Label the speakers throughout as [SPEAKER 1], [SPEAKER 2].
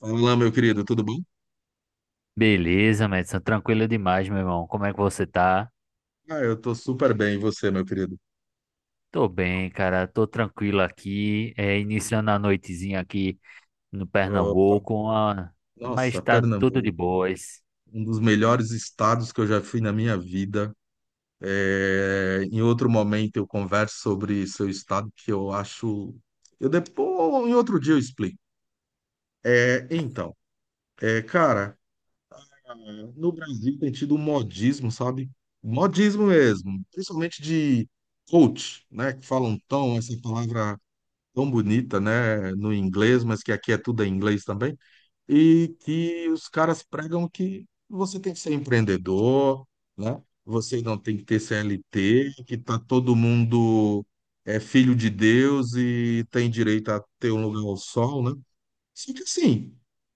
[SPEAKER 1] Olá, meu querido, tudo bom?
[SPEAKER 2] Beleza, Madison, tranquilo demais, meu irmão. Como é que você tá?
[SPEAKER 1] Ah, eu tô super bem, e você, meu querido?
[SPEAKER 2] Tô bem, cara, tô tranquilo aqui. É, iniciando a noitezinha aqui no
[SPEAKER 1] Opa,
[SPEAKER 2] Pernambuco, mas
[SPEAKER 1] nossa,
[SPEAKER 2] tá tudo de
[SPEAKER 1] Pernambuco,
[SPEAKER 2] boas.
[SPEAKER 1] um dos melhores estados que eu já fui na minha vida. É, em outro momento eu converso sobre seu estado, que eu acho. Eu depois, em outro dia eu explico. É, então, é, cara, no Brasil tem tido um modismo, sabe? Modismo mesmo, principalmente de coach, né? Que falam tão, essa palavra tão bonita, né? No inglês, mas que aqui é tudo em inglês também e que os caras pregam que você tem que ser empreendedor, né? Você não tem que ter CLT, que tá todo mundo é filho de Deus e tem direito a ter um lugar ao sol, né? Só que assim,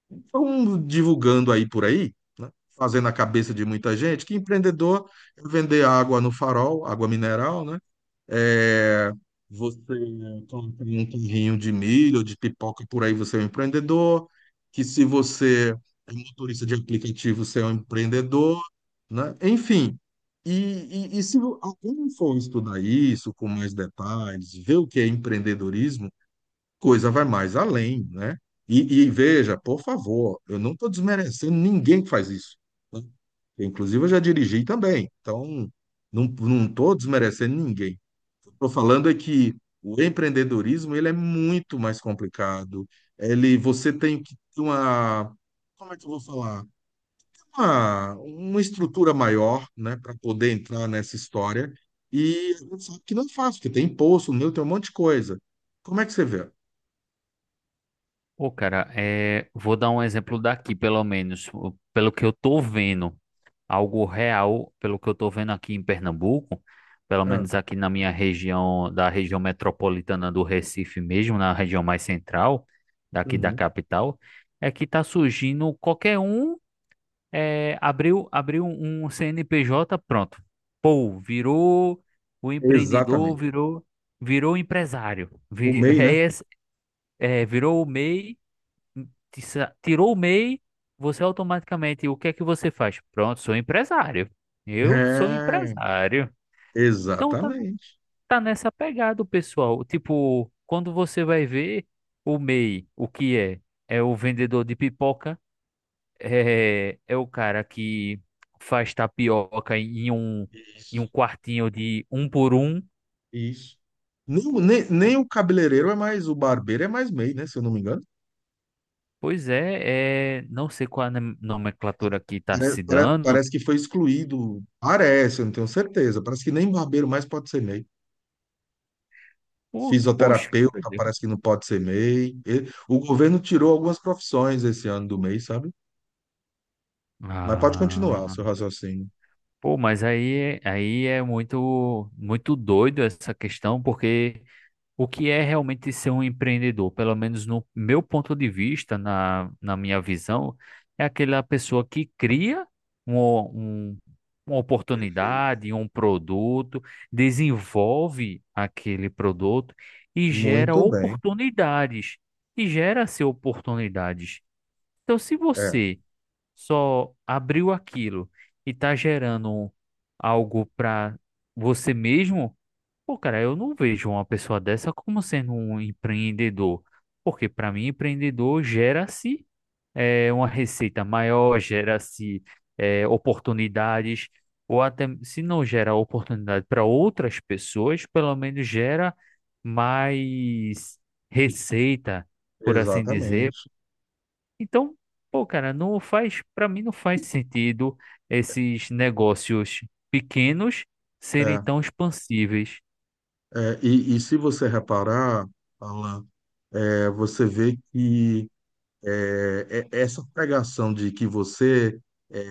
[SPEAKER 1] estão divulgando aí por aí, né? Fazendo a cabeça de muita gente que empreendedor é vender água no farol, água mineral, né? É, você planta um terrinho de milho, de pipoca, por aí você é um empreendedor. Que se você é um motorista de aplicativo, você é um empreendedor, né? Enfim. E se alguém for estudar isso com mais detalhes, ver o que é empreendedorismo, coisa vai mais além, né? E veja, por favor, eu não estou desmerecendo ninguém que faz isso. Inclusive, eu já dirigi também, então não estou desmerecendo ninguém. O que eu estou falando é que o empreendedorismo ele é muito mais complicado. Ele, você tem que ter uma, como é que eu vou falar? Uma estrutura maior, né, para poder entrar nessa história. E a gente sabe que não é fácil, porque tem imposto, o meu, tem um monte de coisa. Como é que você vê?
[SPEAKER 2] Pô, cara, é, vou dar um exemplo daqui, pelo menos, pelo que eu tô vendo. Algo real, pelo que eu estou vendo aqui em Pernambuco, pelo
[SPEAKER 1] Ah,
[SPEAKER 2] menos aqui na minha região, da região metropolitana do Recife mesmo, na região mais central, daqui da
[SPEAKER 1] uhum.
[SPEAKER 2] capital, é que está surgindo qualquer um, abriu um CNPJ, pronto. Pô, virou o empreendedor,
[SPEAKER 1] Exatamente.
[SPEAKER 2] virou empresário,
[SPEAKER 1] O MEI, né?
[SPEAKER 2] virou o MEI tirou o MEI, você automaticamente, o que é que você faz? Pronto, sou empresário. Eu sou
[SPEAKER 1] É,
[SPEAKER 2] empresário. Então tá,
[SPEAKER 1] exatamente.
[SPEAKER 2] tá nessa pegada, o pessoal. Tipo, quando você vai ver o MEI, o que é? É o vendedor de pipoca, é o cara que faz tapioca em um quartinho de um por um.
[SPEAKER 1] Isso. Nem o cabeleireiro é mais, o barbeiro é mais MEI, né? Se eu não me engano.
[SPEAKER 2] Pois é, não sei qual a nomenclatura que tá se dando.
[SPEAKER 1] Parece, que foi excluído. Parece, eu não tenho certeza. Parece que nem barbeiro mais pode ser MEI.
[SPEAKER 2] Poxa.
[SPEAKER 1] Fisioterapeuta parece que não pode ser MEI. O governo tirou algumas profissões esse ano do MEI, sabe? Mas pode continuar o
[SPEAKER 2] Ah.
[SPEAKER 1] seu raciocínio.
[SPEAKER 2] Pô, mas aí é muito, muito doido essa questão, porque o que é realmente ser um empreendedor, pelo menos no meu ponto de vista, na minha visão, é aquela pessoa que cria um, um- uma
[SPEAKER 1] Perfeito.
[SPEAKER 2] oportunidade, um produto, desenvolve aquele produto e gera
[SPEAKER 1] Muito bem.
[SPEAKER 2] oportunidades, e gera-se oportunidades. Então, se
[SPEAKER 1] É,
[SPEAKER 2] você só abriu aquilo e tá gerando algo para você mesmo, pô, cara, eu não vejo uma pessoa dessa como sendo um empreendedor. Porque para mim, empreendedor gera-se é, uma receita maior, gera-se é, oportunidades, ou até se não gera oportunidade para outras pessoas, pelo menos gera mais receita, por assim dizer
[SPEAKER 1] exatamente.
[SPEAKER 2] então, pô, cara, não faz, para mim não faz sentido esses negócios pequenos serem
[SPEAKER 1] É,
[SPEAKER 2] tão expansíveis.
[SPEAKER 1] e se você reparar, Alan, você vê que. Essa pregação de que você, é,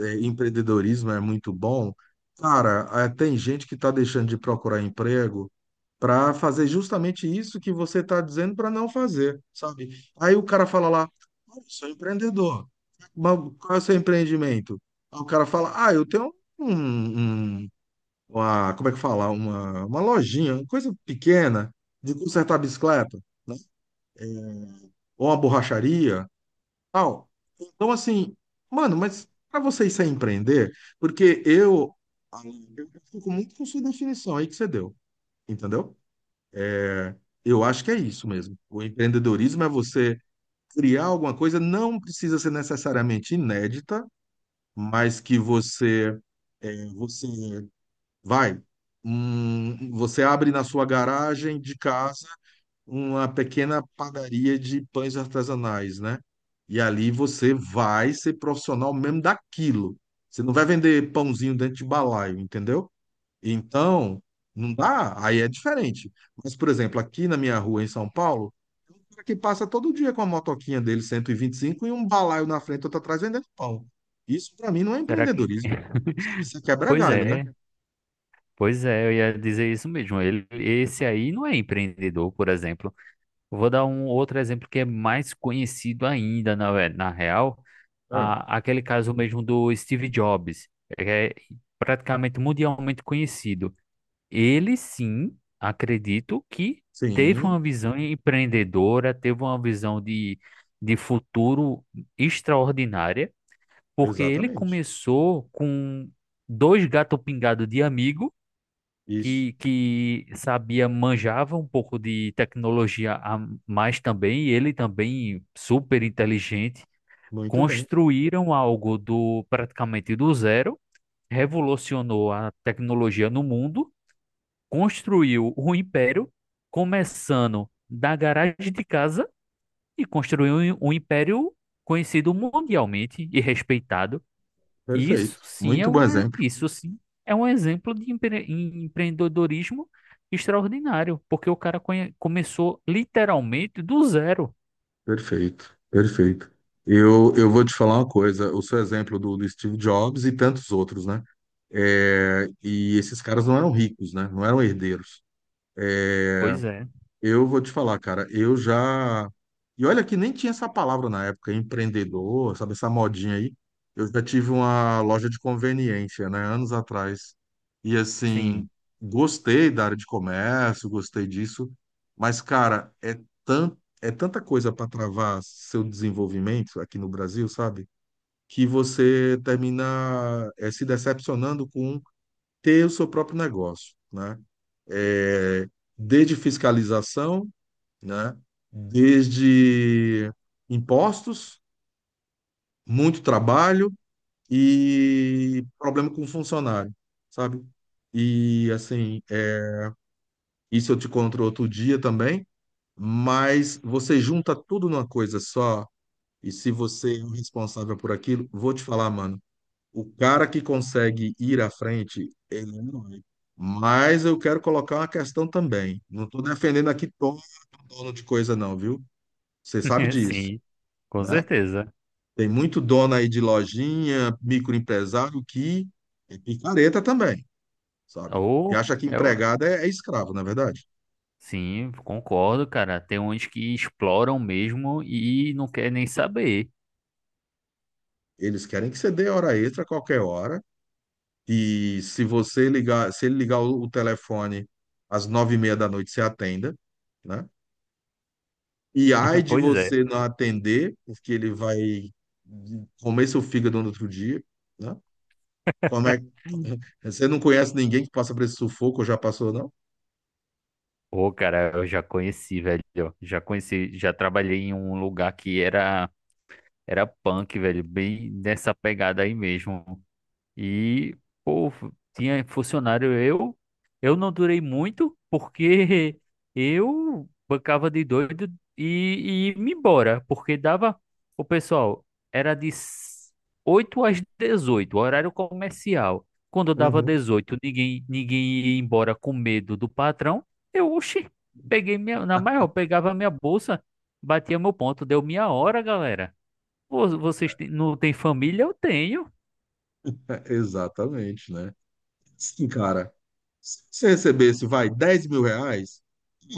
[SPEAKER 1] empreendedorismo é muito bom, cara, ah, tem gente que está deixando de procurar emprego para fazer justamente isso que você está dizendo para não fazer, sabe? Aí o cara fala lá, "Ah, eu sou empreendedor, mas qual é o seu empreendimento?" Aí o cara fala, ah, eu tenho um, um- uma, como é que fala? Uma lojinha, uma coisa pequena de consertar bicicleta, ou uma borracharia, tal. Então, assim, mano, mas para você isso é empreender, porque eu fico muito com sua definição aí que você deu, entendeu? É, eu acho que é isso mesmo. O empreendedorismo é você criar alguma coisa, não precisa ser necessariamente inédita, mas que você vai, você abre na sua garagem de casa uma pequena padaria de pães artesanais, né? E ali você vai ser profissional mesmo daquilo. Você não vai vender pãozinho dentro de balaio, entendeu? Então, não dá, aí é diferente. Mas, por exemplo, aqui na minha rua em São Paulo, tem um cara que passa todo dia com a motoquinha dele 125 e vinte e cinco e um balaio na frente, outro atrás vendendo pão. Isso para mim não é
[SPEAKER 2] Será que?
[SPEAKER 1] empreendedorismo. Sabe? Isso é quebra
[SPEAKER 2] Pois
[SPEAKER 1] galho, né?
[SPEAKER 2] é, pois é, eu ia dizer isso mesmo. Esse aí não é empreendedor, por exemplo. Eu vou dar um outro exemplo que é mais conhecido ainda, na real,
[SPEAKER 1] É.
[SPEAKER 2] aquele caso mesmo do Steve Jobs, é praticamente mundialmente conhecido. Ele sim, acredito que teve
[SPEAKER 1] Sim,
[SPEAKER 2] uma visão empreendedora, teve uma visão de futuro extraordinária, porque ele
[SPEAKER 1] exatamente.
[SPEAKER 2] começou com dois gatos pingados de amigo
[SPEAKER 1] Isso.
[SPEAKER 2] que sabia, manjava um pouco de tecnologia a mais também, e ele também super inteligente,
[SPEAKER 1] Muito bem.
[SPEAKER 2] construíram algo do praticamente do zero, revolucionou a tecnologia no mundo. Construiu o império, começando da garagem de casa e construiu um império conhecido mundialmente e respeitado. E isso
[SPEAKER 1] Perfeito,
[SPEAKER 2] sim
[SPEAKER 1] muito bom exemplo.
[SPEAKER 2] isso sim é um exemplo de empreendedorismo extraordinário, porque o cara começou literalmente do zero.
[SPEAKER 1] Perfeito, perfeito. Eu vou te falar uma coisa, o seu exemplo do Steve Jobs e tantos outros, né? É, e esses caras não eram ricos, né? Não eram herdeiros.
[SPEAKER 2] Pois é,
[SPEAKER 1] Eu vou te falar, cara, eu já. E olha que nem tinha essa palavra na época, empreendedor, sabe, essa modinha aí. Eu já tive uma loja de conveniência, né, anos atrás. E assim,
[SPEAKER 2] sim,
[SPEAKER 1] gostei da área de comércio, gostei disso. Mas, cara, tan... é tanta coisa para travar seu desenvolvimento aqui no Brasil, sabe? Que você termina se decepcionando com ter o seu próprio negócio, né? É desde fiscalização, né? Desde impostos, muito trabalho e problema com funcionário, sabe? E assim, isso eu te conto outro dia também, mas você junta tudo numa coisa só, e se você é o responsável por aquilo, vou te falar, mano, o cara que consegue ir à frente, ele é um herói. Mas eu quero colocar uma questão também. Não estou defendendo aqui todo dono de coisa, não, viu? Você sabe disso,
[SPEAKER 2] sim, com
[SPEAKER 1] né?
[SPEAKER 2] certeza.
[SPEAKER 1] Tem muito dono aí de lojinha, microempresário que é picareta também, sabe? Que
[SPEAKER 2] Ou
[SPEAKER 1] acha que
[SPEAKER 2] é o-
[SPEAKER 1] empregado é escravo, na é verdade.
[SPEAKER 2] Sim, concordo, cara. Tem uns que exploram mesmo e não quer nem saber.
[SPEAKER 1] Eles querem que você dê hora extra a qualquer hora. E se ele ligar o telefone às 21h30, você atenda, né? E ai de
[SPEAKER 2] Pois é.
[SPEAKER 1] você não atender, porque ele vai comer seu fígado no outro dia, né? Como é, você não conhece ninguém que passa por esse sufoco ou já passou, não?
[SPEAKER 2] Ô, cara, eu já conheci, velho. Já conheci, já trabalhei em um lugar que era punk, velho, bem nessa pegada aí mesmo. E, pô, tinha funcionário eu. Eu não durei muito porque eu bancava de doido e me embora, porque dava. O pessoal era de 8 às 18 horário comercial. Quando eu dava
[SPEAKER 1] Uhum.
[SPEAKER 2] 18 ninguém ia embora com medo do patrão. Eu, oxi, peguei minha, na maior, pegava minha bolsa, batia meu ponto, deu minha hora, galera. Vocês não têm família? Eu tenho.
[SPEAKER 1] Exatamente, né? Sim, cara. Se você recebesse, vai, R$ 10.000,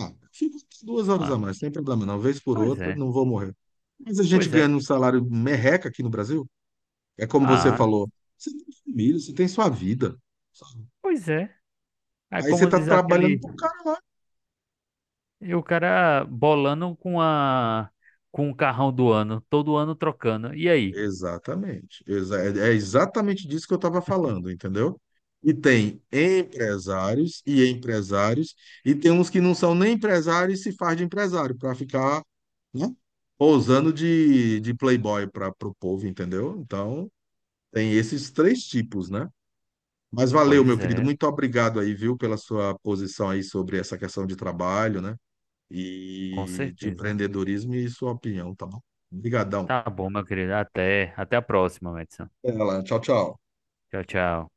[SPEAKER 1] ah, fica 2 horas a
[SPEAKER 2] Ah,
[SPEAKER 1] mais, sem problema, não. Vez por
[SPEAKER 2] pois
[SPEAKER 1] outra,
[SPEAKER 2] é.
[SPEAKER 1] não vou morrer. Mas a gente
[SPEAKER 2] Pois é.
[SPEAKER 1] ganhando um salário merreca aqui no Brasil, é como você
[SPEAKER 2] Ah,
[SPEAKER 1] falou, você tem família, você tem sua vida, sabe?
[SPEAKER 2] pois é. É
[SPEAKER 1] Aí você
[SPEAKER 2] como
[SPEAKER 1] tá
[SPEAKER 2] diz
[SPEAKER 1] trabalhando
[SPEAKER 2] aquele,
[SPEAKER 1] pro cara.
[SPEAKER 2] e o cara bolando com o carrão do ano, todo ano trocando. E aí?
[SPEAKER 1] Exatamente. É exatamente disso que eu estava falando, entendeu? E tem empresários e empresários, e tem uns que não são nem empresários e se faz de empresário para ficar, né, pousando de playboy para o povo, entendeu? Então, tem esses três tipos, né? Mas valeu, meu
[SPEAKER 2] Pois
[SPEAKER 1] querido.
[SPEAKER 2] é,
[SPEAKER 1] Muito obrigado aí, viu, pela sua posição aí sobre essa questão de trabalho, né?
[SPEAKER 2] com
[SPEAKER 1] E de
[SPEAKER 2] certeza.
[SPEAKER 1] empreendedorismo e sua opinião, tá bom? Obrigadão.
[SPEAKER 2] Tá bom, meu querido. Até a próxima, Madison.
[SPEAKER 1] Até lá. Tchau, tchau.
[SPEAKER 2] Tchau, tchau.